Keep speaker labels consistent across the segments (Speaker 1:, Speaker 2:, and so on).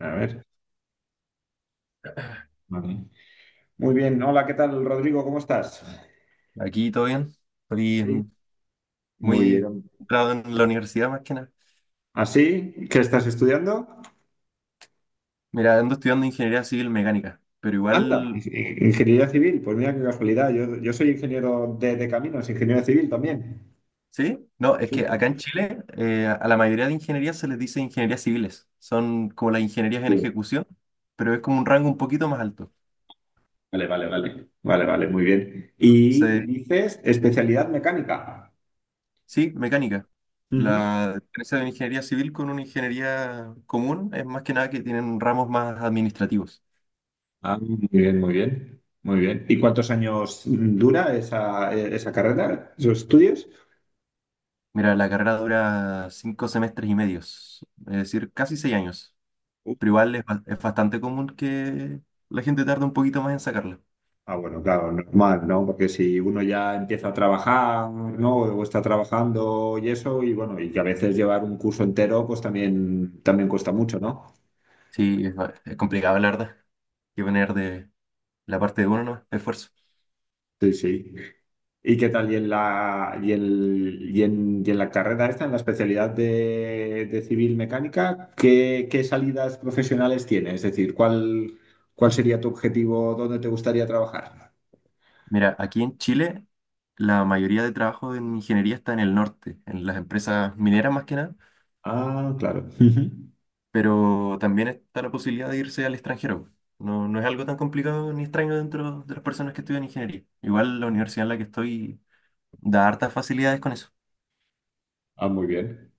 Speaker 1: A ver. Vale. Muy bien. Hola, ¿qué tal, Rodrigo? ¿Cómo estás?
Speaker 2: Aquí todo bien. Estoy
Speaker 1: Sí. Muy
Speaker 2: muy
Speaker 1: bien.
Speaker 2: centrado en la universidad más que nada.
Speaker 1: ¿Así? ¿Qué estás estudiando?
Speaker 2: Mira, ando estudiando ingeniería civil mecánica, pero
Speaker 1: Anda,
Speaker 2: igual,
Speaker 1: ingeniería civil. Pues mira qué casualidad. Yo soy ingeniero de caminos, ingeniero civil también.
Speaker 2: ¿sí? No, es que acá
Speaker 1: Sí.
Speaker 2: en Chile a la mayoría de ingenierías se les dice ingenierías civiles. Son como las ingenierías en
Speaker 1: Sí.
Speaker 2: ejecución, pero es como un rango un poquito más alto.
Speaker 1: Vale, vale, vale. Vale, vale, muy bien. Y
Speaker 2: Se-
Speaker 1: dices especialidad mecánica.
Speaker 2: sí, mecánica.
Speaker 1: Ujú.
Speaker 2: La diferencia de una ingeniería civil con una ingeniería común es más que nada que tienen ramos más administrativos.
Speaker 1: Ah, muy bien, muy bien. Muy bien. ¿Y cuántos años dura esa carrera, esos estudios?
Speaker 2: Mira, la carrera dura 5 semestres y medios, es decir, casi 6 años. Pero igual es bastante común que la gente tarde un poquito más en sacarlo.
Speaker 1: Ah, bueno, claro, normal, ¿no? Porque si uno ya empieza a trabajar, ¿no? O está trabajando y eso, y bueno, y que a veces llevar un curso entero, pues también, también cuesta mucho, ¿no?
Speaker 2: Sí, es complicado, la verdad. Hay que poner de la parte de uno, ¿no? Esfuerzo.
Speaker 1: Sí, sí. ¿Y qué tal? ¿Y en la, y el, y en la carrera esta, en la especialidad de civil mecánica, ¿qué, qué salidas profesionales tienes? Es decir, ¿cuál, cuál sería tu objetivo? ¿Dónde te gustaría trabajar?
Speaker 2: Mira, aquí en Chile, la mayoría de trabajo en ingeniería está en el norte, en las empresas mineras más que nada,
Speaker 1: Ah, claro. Ujú.
Speaker 2: pero también está la posibilidad de irse al extranjero. No, no es algo tan complicado ni extraño dentro de las personas que estudian ingeniería. Igual la universidad en la que estoy da hartas facilidades con eso.
Speaker 1: Ah, muy bien.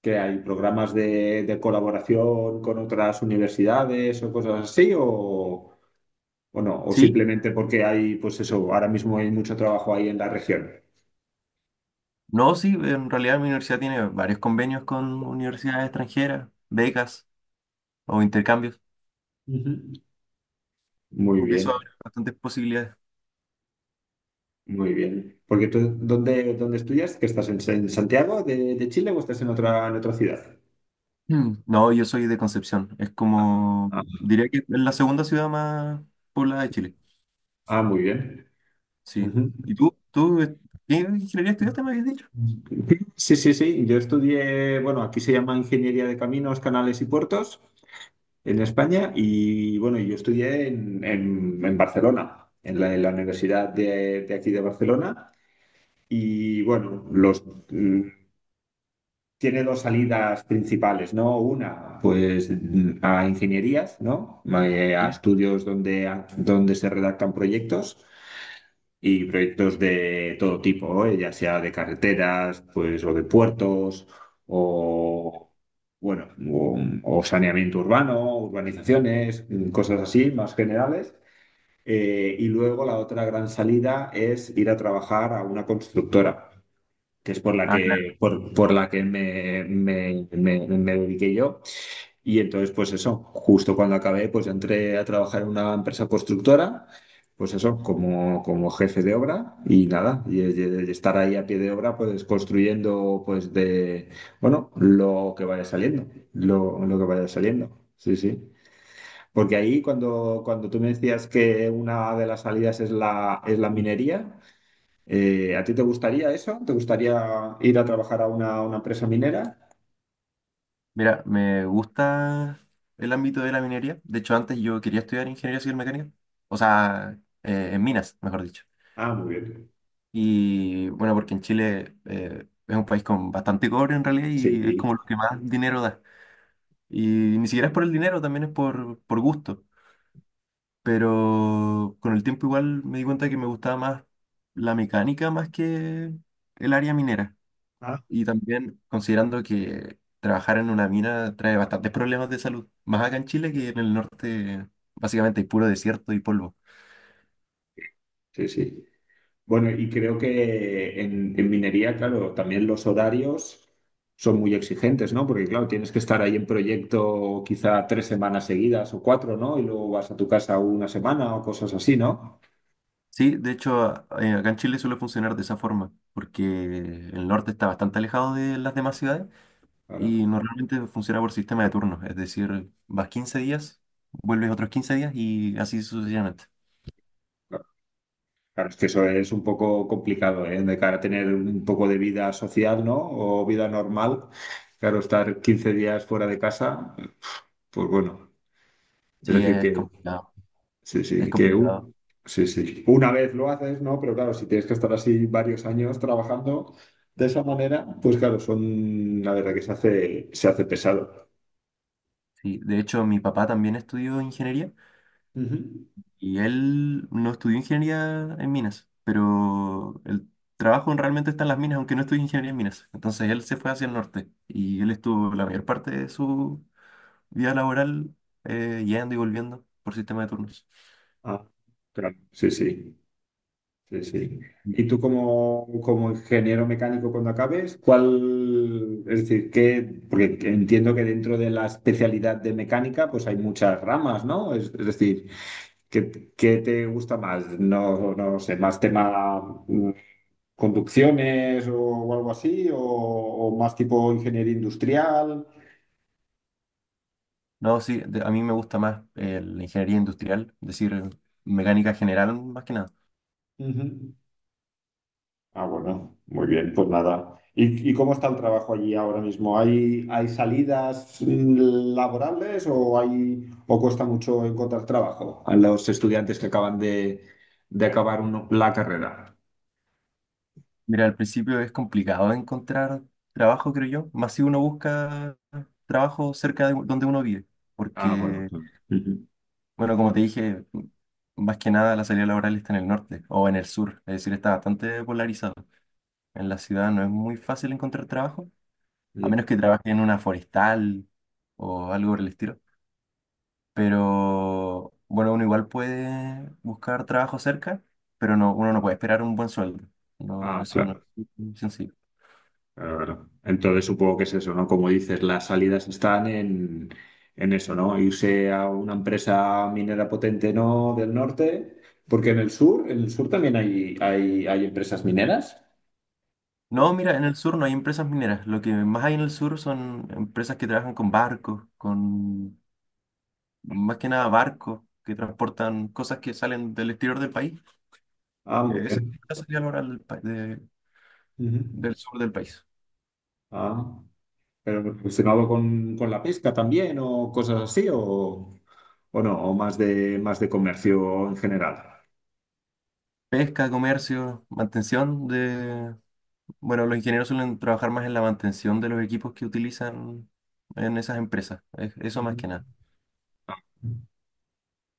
Speaker 1: Que hay programas de colaboración con otras universidades o cosas así, o no, o
Speaker 2: Sí,
Speaker 1: simplemente porque hay, pues eso, ahora mismo hay mucho trabajo ahí en la región.
Speaker 2: no, sí, en realidad mi universidad tiene varios convenios con universidades extranjeras, becas o intercambios,
Speaker 1: Ujú. Muy
Speaker 2: porque eso
Speaker 1: bien,
Speaker 2: abre bastantes posibilidades.
Speaker 1: muy bien. Porque tú, ¿dónde, dónde estudias? ¿Que estás en Santiago de Chile o estás en otra ciudad?
Speaker 2: Mm. No, yo soy de Concepción, es como,
Speaker 1: Ah,
Speaker 2: diría que es la segunda ciudad más poblada de Chile,
Speaker 1: ah, muy bien.
Speaker 2: sí.
Speaker 1: Ujú.
Speaker 2: ¿Y tú? ¿Tú qué ingeniería estudiaste, me habías dicho?
Speaker 1: Sí, sí, sí. Yo estudié, bueno, aquí se llama Ingeniería de Caminos, Canales y Puertos en España y bueno, yo estudié en, en Barcelona, en la Universidad de aquí de Barcelona y bueno, los, mm, tiene dos salidas principales, ¿no? Una, pues a ingenierías, ¿no? A
Speaker 2: Sí.
Speaker 1: estudios donde, donde se redactan proyectos y proyectos de todo tipo, ¿eh? Ya sea de carreteras, pues, o de puertos, o bueno, o saneamiento urbano, urbanizaciones, cosas así más generales. Y luego la otra gran salida es ir a trabajar a una constructora, que es
Speaker 2: Ah, claro.
Speaker 1: por la que me dediqué yo. Y entonces, pues eso, justo cuando acabé, pues entré a trabajar en una empresa constructora, pues eso, como, como jefe de obra y nada, y estar ahí a pie de obra, pues construyendo, pues de, bueno, lo que vaya saliendo, lo que vaya saliendo, sí, sí. Porque ahí cuando, cuando tú me decías que una de las salidas es es la
Speaker 2: Sí.
Speaker 1: minería, ¿a ti te gustaría eso? ¿Te gustaría ir a trabajar a una empresa minera?
Speaker 2: Mira, me gusta el ámbito de la minería, de hecho antes yo quería estudiar ingeniería civil mecánica, o sea, en minas, mejor dicho.
Speaker 1: Ah, muy bien.
Speaker 2: Y bueno, porque en Chile es un país con bastante cobre en realidad y es
Speaker 1: Sí.
Speaker 2: como lo que más dinero da. Y ni siquiera es por el dinero, también es por gusto. Pero con el tiempo igual me di cuenta que me gustaba más la mecánica más que el área minera.
Speaker 1: Ah,
Speaker 2: Y también considerando que trabajar en una mina trae bastantes problemas de salud, más acá en Chile que en el norte básicamente hay puro desierto y polvo.
Speaker 1: sí, sí. Bueno, y creo que en minería, claro, también los horarios son muy exigentes, ¿no? Porque, claro, tienes que estar ahí en proyecto quizá 3 semanas seguidas o cuatro, ¿no? Y luego vas a tu casa una semana o cosas así, ¿no?
Speaker 2: Sí, de hecho, acá en Chile suele funcionar de esa forma, porque el norte está bastante alejado de las demás ciudades
Speaker 1: Claro,
Speaker 2: y normalmente funciona por sistema de turnos, es decir, vas 15 días, vuelves otros 15 días y así sucesivamente.
Speaker 1: claro, claro, es que eso es un poco complicado, ¿eh? De cara a tener un poco de vida social, ¿no? O vida normal. Claro, estar 15 días fuera de casa, pues bueno, es
Speaker 2: Sí,
Speaker 1: decir
Speaker 2: es
Speaker 1: que...
Speaker 2: complicado,
Speaker 1: Sí,
Speaker 2: es
Speaker 1: sí,
Speaker 2: complicado.
Speaker 1: sí, sí. Una vez lo haces, ¿no? Pero claro, si tienes que estar así varios años trabajando de esa manera, pues claro, son, la verdad que se hace pesado.
Speaker 2: Sí, de hecho, mi papá también estudió ingeniería
Speaker 1: Ujú.
Speaker 2: y él no estudió ingeniería en minas, pero el trabajo realmente está en las minas, aunque no estudió ingeniería en minas. Entonces él se fue hacia el norte y él estuvo la mayor parte de su vía laboral, yendo y volviendo por sistema de turnos.
Speaker 1: Ah, claro, sí, sí, sí, sí. Y tú como, como ingeniero mecánico cuando acabes, ¿cuál, es decir, qué, porque entiendo que dentro de la especialidad de mecánica, pues hay muchas ramas, ¿no? Es decir, ¿qué, qué te gusta más? No, no sé, más tema conducciones o algo así, o más tipo ingeniería industrial.
Speaker 2: No, sí, a mí me gusta más la ingeniería industrial, es decir, mecánica general más que nada.
Speaker 1: Ujú. Ah, bueno, muy bien, pues nada. Y cómo está el trabajo allí ahora mismo? ¿Hay, hay salidas laborales o hay o cuesta mucho encontrar trabajo a los estudiantes que acaban de acabar la carrera?
Speaker 2: Mira, al principio es complicado encontrar trabajo, creo yo, más si uno busca trabajo cerca de donde uno vive,
Speaker 1: Ah, bueno.
Speaker 2: porque,
Speaker 1: Sí. Ujú.
Speaker 2: bueno, como te dije, más que nada la salida laboral está en el norte o en el sur, es decir, está bastante polarizado. En la ciudad no es muy fácil encontrar trabajo, a menos que trabaje en una forestal o algo por el estilo. Pero bueno, uno igual puede buscar trabajo cerca, pero no, uno no puede esperar un buen sueldo. No,
Speaker 1: Ah,
Speaker 2: eso no
Speaker 1: claro.
Speaker 2: es muy sencillo.
Speaker 1: Claro, claro. Entonces supongo que es eso, ¿no? Como dices, las salidas están en eso, ¿no? Irse a una empresa minera potente, ¿no? Del norte, porque en el sur también hay empresas mineras.
Speaker 2: No, mira, en el sur no hay empresas mineras. Lo que más hay en el sur son empresas que trabajan con barcos, con más que nada barcos que transportan cosas que salen del exterior del país.
Speaker 1: Ah, muy
Speaker 2: Esa es
Speaker 1: bien.
Speaker 2: la salida laboral del, pa- de-
Speaker 1: Ujú.
Speaker 2: del sur del país.
Speaker 1: Ah, pero relacionado con la pesca también o cosas así, o no, o más de comercio en general.
Speaker 2: Pesca, comercio, mantención de Bueno, los ingenieros suelen trabajar más en la mantención de los equipos que utilizan en esas empresas. Eso más que
Speaker 1: Ujú.
Speaker 2: nada.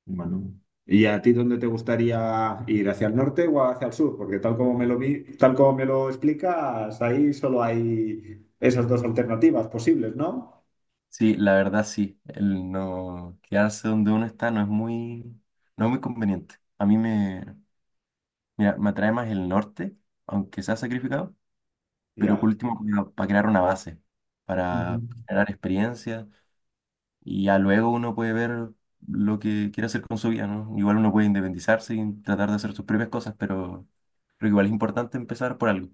Speaker 1: Bueno. ¿Y a ti dónde te gustaría ir? ¿Hacia el norte o hacia el sur? Porque tal como me lo vi, tal como me lo explicas, ahí solo hay esas dos alternativas posibles, ¿no?
Speaker 2: Sí, la verdad sí. El no quedarse donde uno está no es muy, no es muy conveniente. A mí me, mira, me atrae más el norte, aunque sea sacrificado, pero por
Speaker 1: Ya.
Speaker 2: último para, crear una base,
Speaker 1: Ujú.
Speaker 2: para generar experiencia y ya luego uno puede ver lo que quiere hacer con su vida, ¿no? Igual uno puede independizarse y tratar de hacer sus propias cosas, pero igual es importante empezar por algo.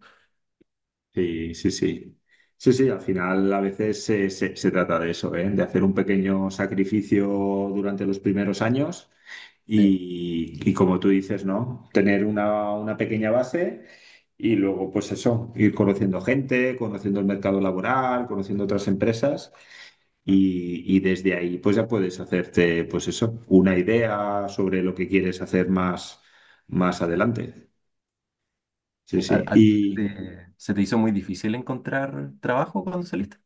Speaker 1: Sí, sí, sí. Sí, sí, al final a veces se, se trata de eso, ¿eh? De hacer un pequeño sacrificio durante los primeros años
Speaker 2: Sí.
Speaker 1: y como tú dices, ¿no? Tener una pequeña base y luego, pues eso, ir conociendo gente, conociendo el mercado laboral, conociendo otras empresas y desde ahí, pues ya puedes hacerte, pues eso, una idea sobre lo que quieres hacer más, más adelante.
Speaker 2: Sí,
Speaker 1: Sí,
Speaker 2: ¿A,
Speaker 1: sí.
Speaker 2: a ti se te hizo muy difícil encontrar trabajo cuando saliste?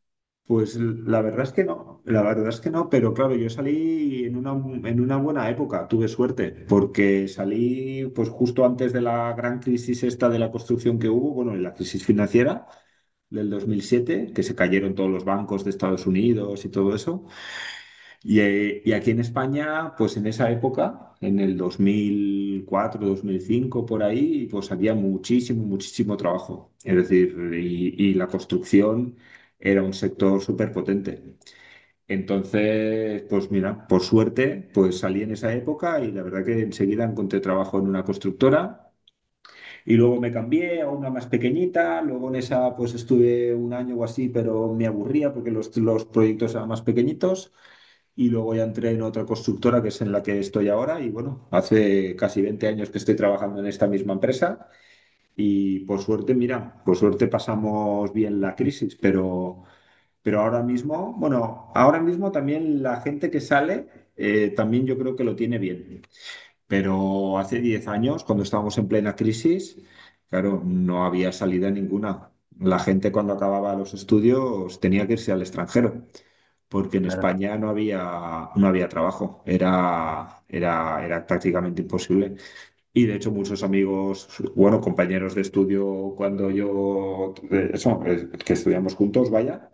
Speaker 1: Pues la verdad es que no, la verdad es que no, pero claro, yo salí en una buena época, tuve suerte, porque salí pues justo antes de la gran crisis esta de la construcción que hubo, bueno, en la crisis financiera del 2007 que se cayeron todos los bancos de Estados Unidos y todo eso, y aquí en España, pues en esa época, en el 2004, 2005 por ahí, pues había muchísimo, muchísimo trabajo, es decir, y la construcción era un sector súper potente. Entonces, pues mira, por suerte, pues salí en esa época y la verdad que enseguida encontré trabajo en una constructora y luego me cambié a una más pequeñita, luego en esa pues estuve un año o así, pero me aburría porque los proyectos eran más pequeñitos y luego ya entré en otra constructora que es en la que estoy ahora y bueno, hace casi 20 años que estoy trabajando en esta misma empresa y por suerte, mira, por suerte pasamos bien la crisis, pero... Pero ahora mismo, bueno, ahora mismo también la gente que sale, también yo creo que lo tiene bien. Pero hace 10 años, cuando estábamos en plena crisis, claro, no había salida ninguna. La gente cuando acababa los estudios tenía que irse al extranjero, porque en
Speaker 2: Claro,
Speaker 1: España no había, no había trabajo, era, era, era prácticamente imposible. Y de hecho muchos amigos, bueno, compañeros de estudio, cuando yo, que estudiamos juntos, vaya,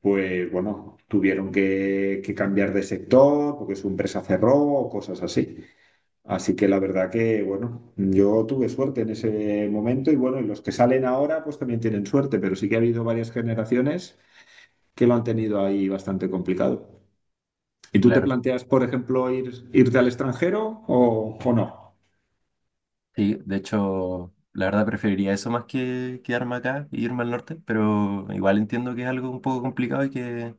Speaker 1: pues bueno, tuvieron que cambiar de sector porque su empresa cerró o cosas así. Así que la verdad que, bueno, yo tuve suerte en ese momento y bueno, y los que salen ahora pues también tienen suerte, pero sí que ha habido varias generaciones que lo han tenido ahí bastante complicado. ¿Y tú te
Speaker 2: claro.
Speaker 1: planteas, por ejemplo, ir, irte al extranjero o no?
Speaker 2: Sí, de hecho, la verdad preferiría eso más que quedarme acá e irme al norte, pero igual entiendo que es algo un poco complicado y que,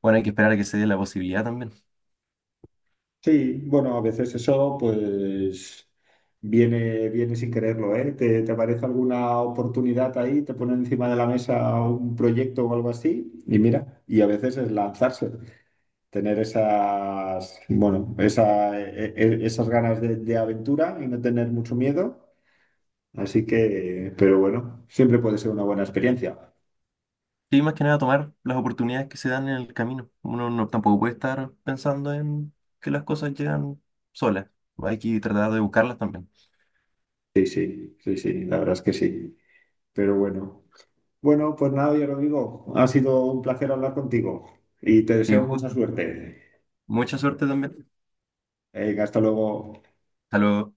Speaker 2: bueno, hay que esperar a que se dé la posibilidad también.
Speaker 1: Sí, bueno, a veces eso pues viene, viene sin quererlo, ¿eh? ¿Te, te aparece alguna oportunidad ahí, te ponen encima de la mesa un proyecto o algo así? Y mira, y a veces es lanzarse, tener esas, bueno, esa, esas ganas de aventura y no tener mucho miedo. Así que, pero bueno, siempre puede ser una buena experiencia.
Speaker 2: Sí, más que nada tomar las oportunidades que se dan en el camino. Uno no, tampoco puede estar pensando en que las cosas llegan solas. Hay que tratar de buscarlas también.
Speaker 1: Sí, sí, sí, sí, la verdad es que sí. Pero bueno. Bueno, pues nada, yo lo digo. Ha sido un placer hablar contigo y te
Speaker 2: Sí,
Speaker 1: deseo mucha suerte.
Speaker 2: mucha suerte también.
Speaker 1: Venga, hasta luego.
Speaker 2: Hasta luego.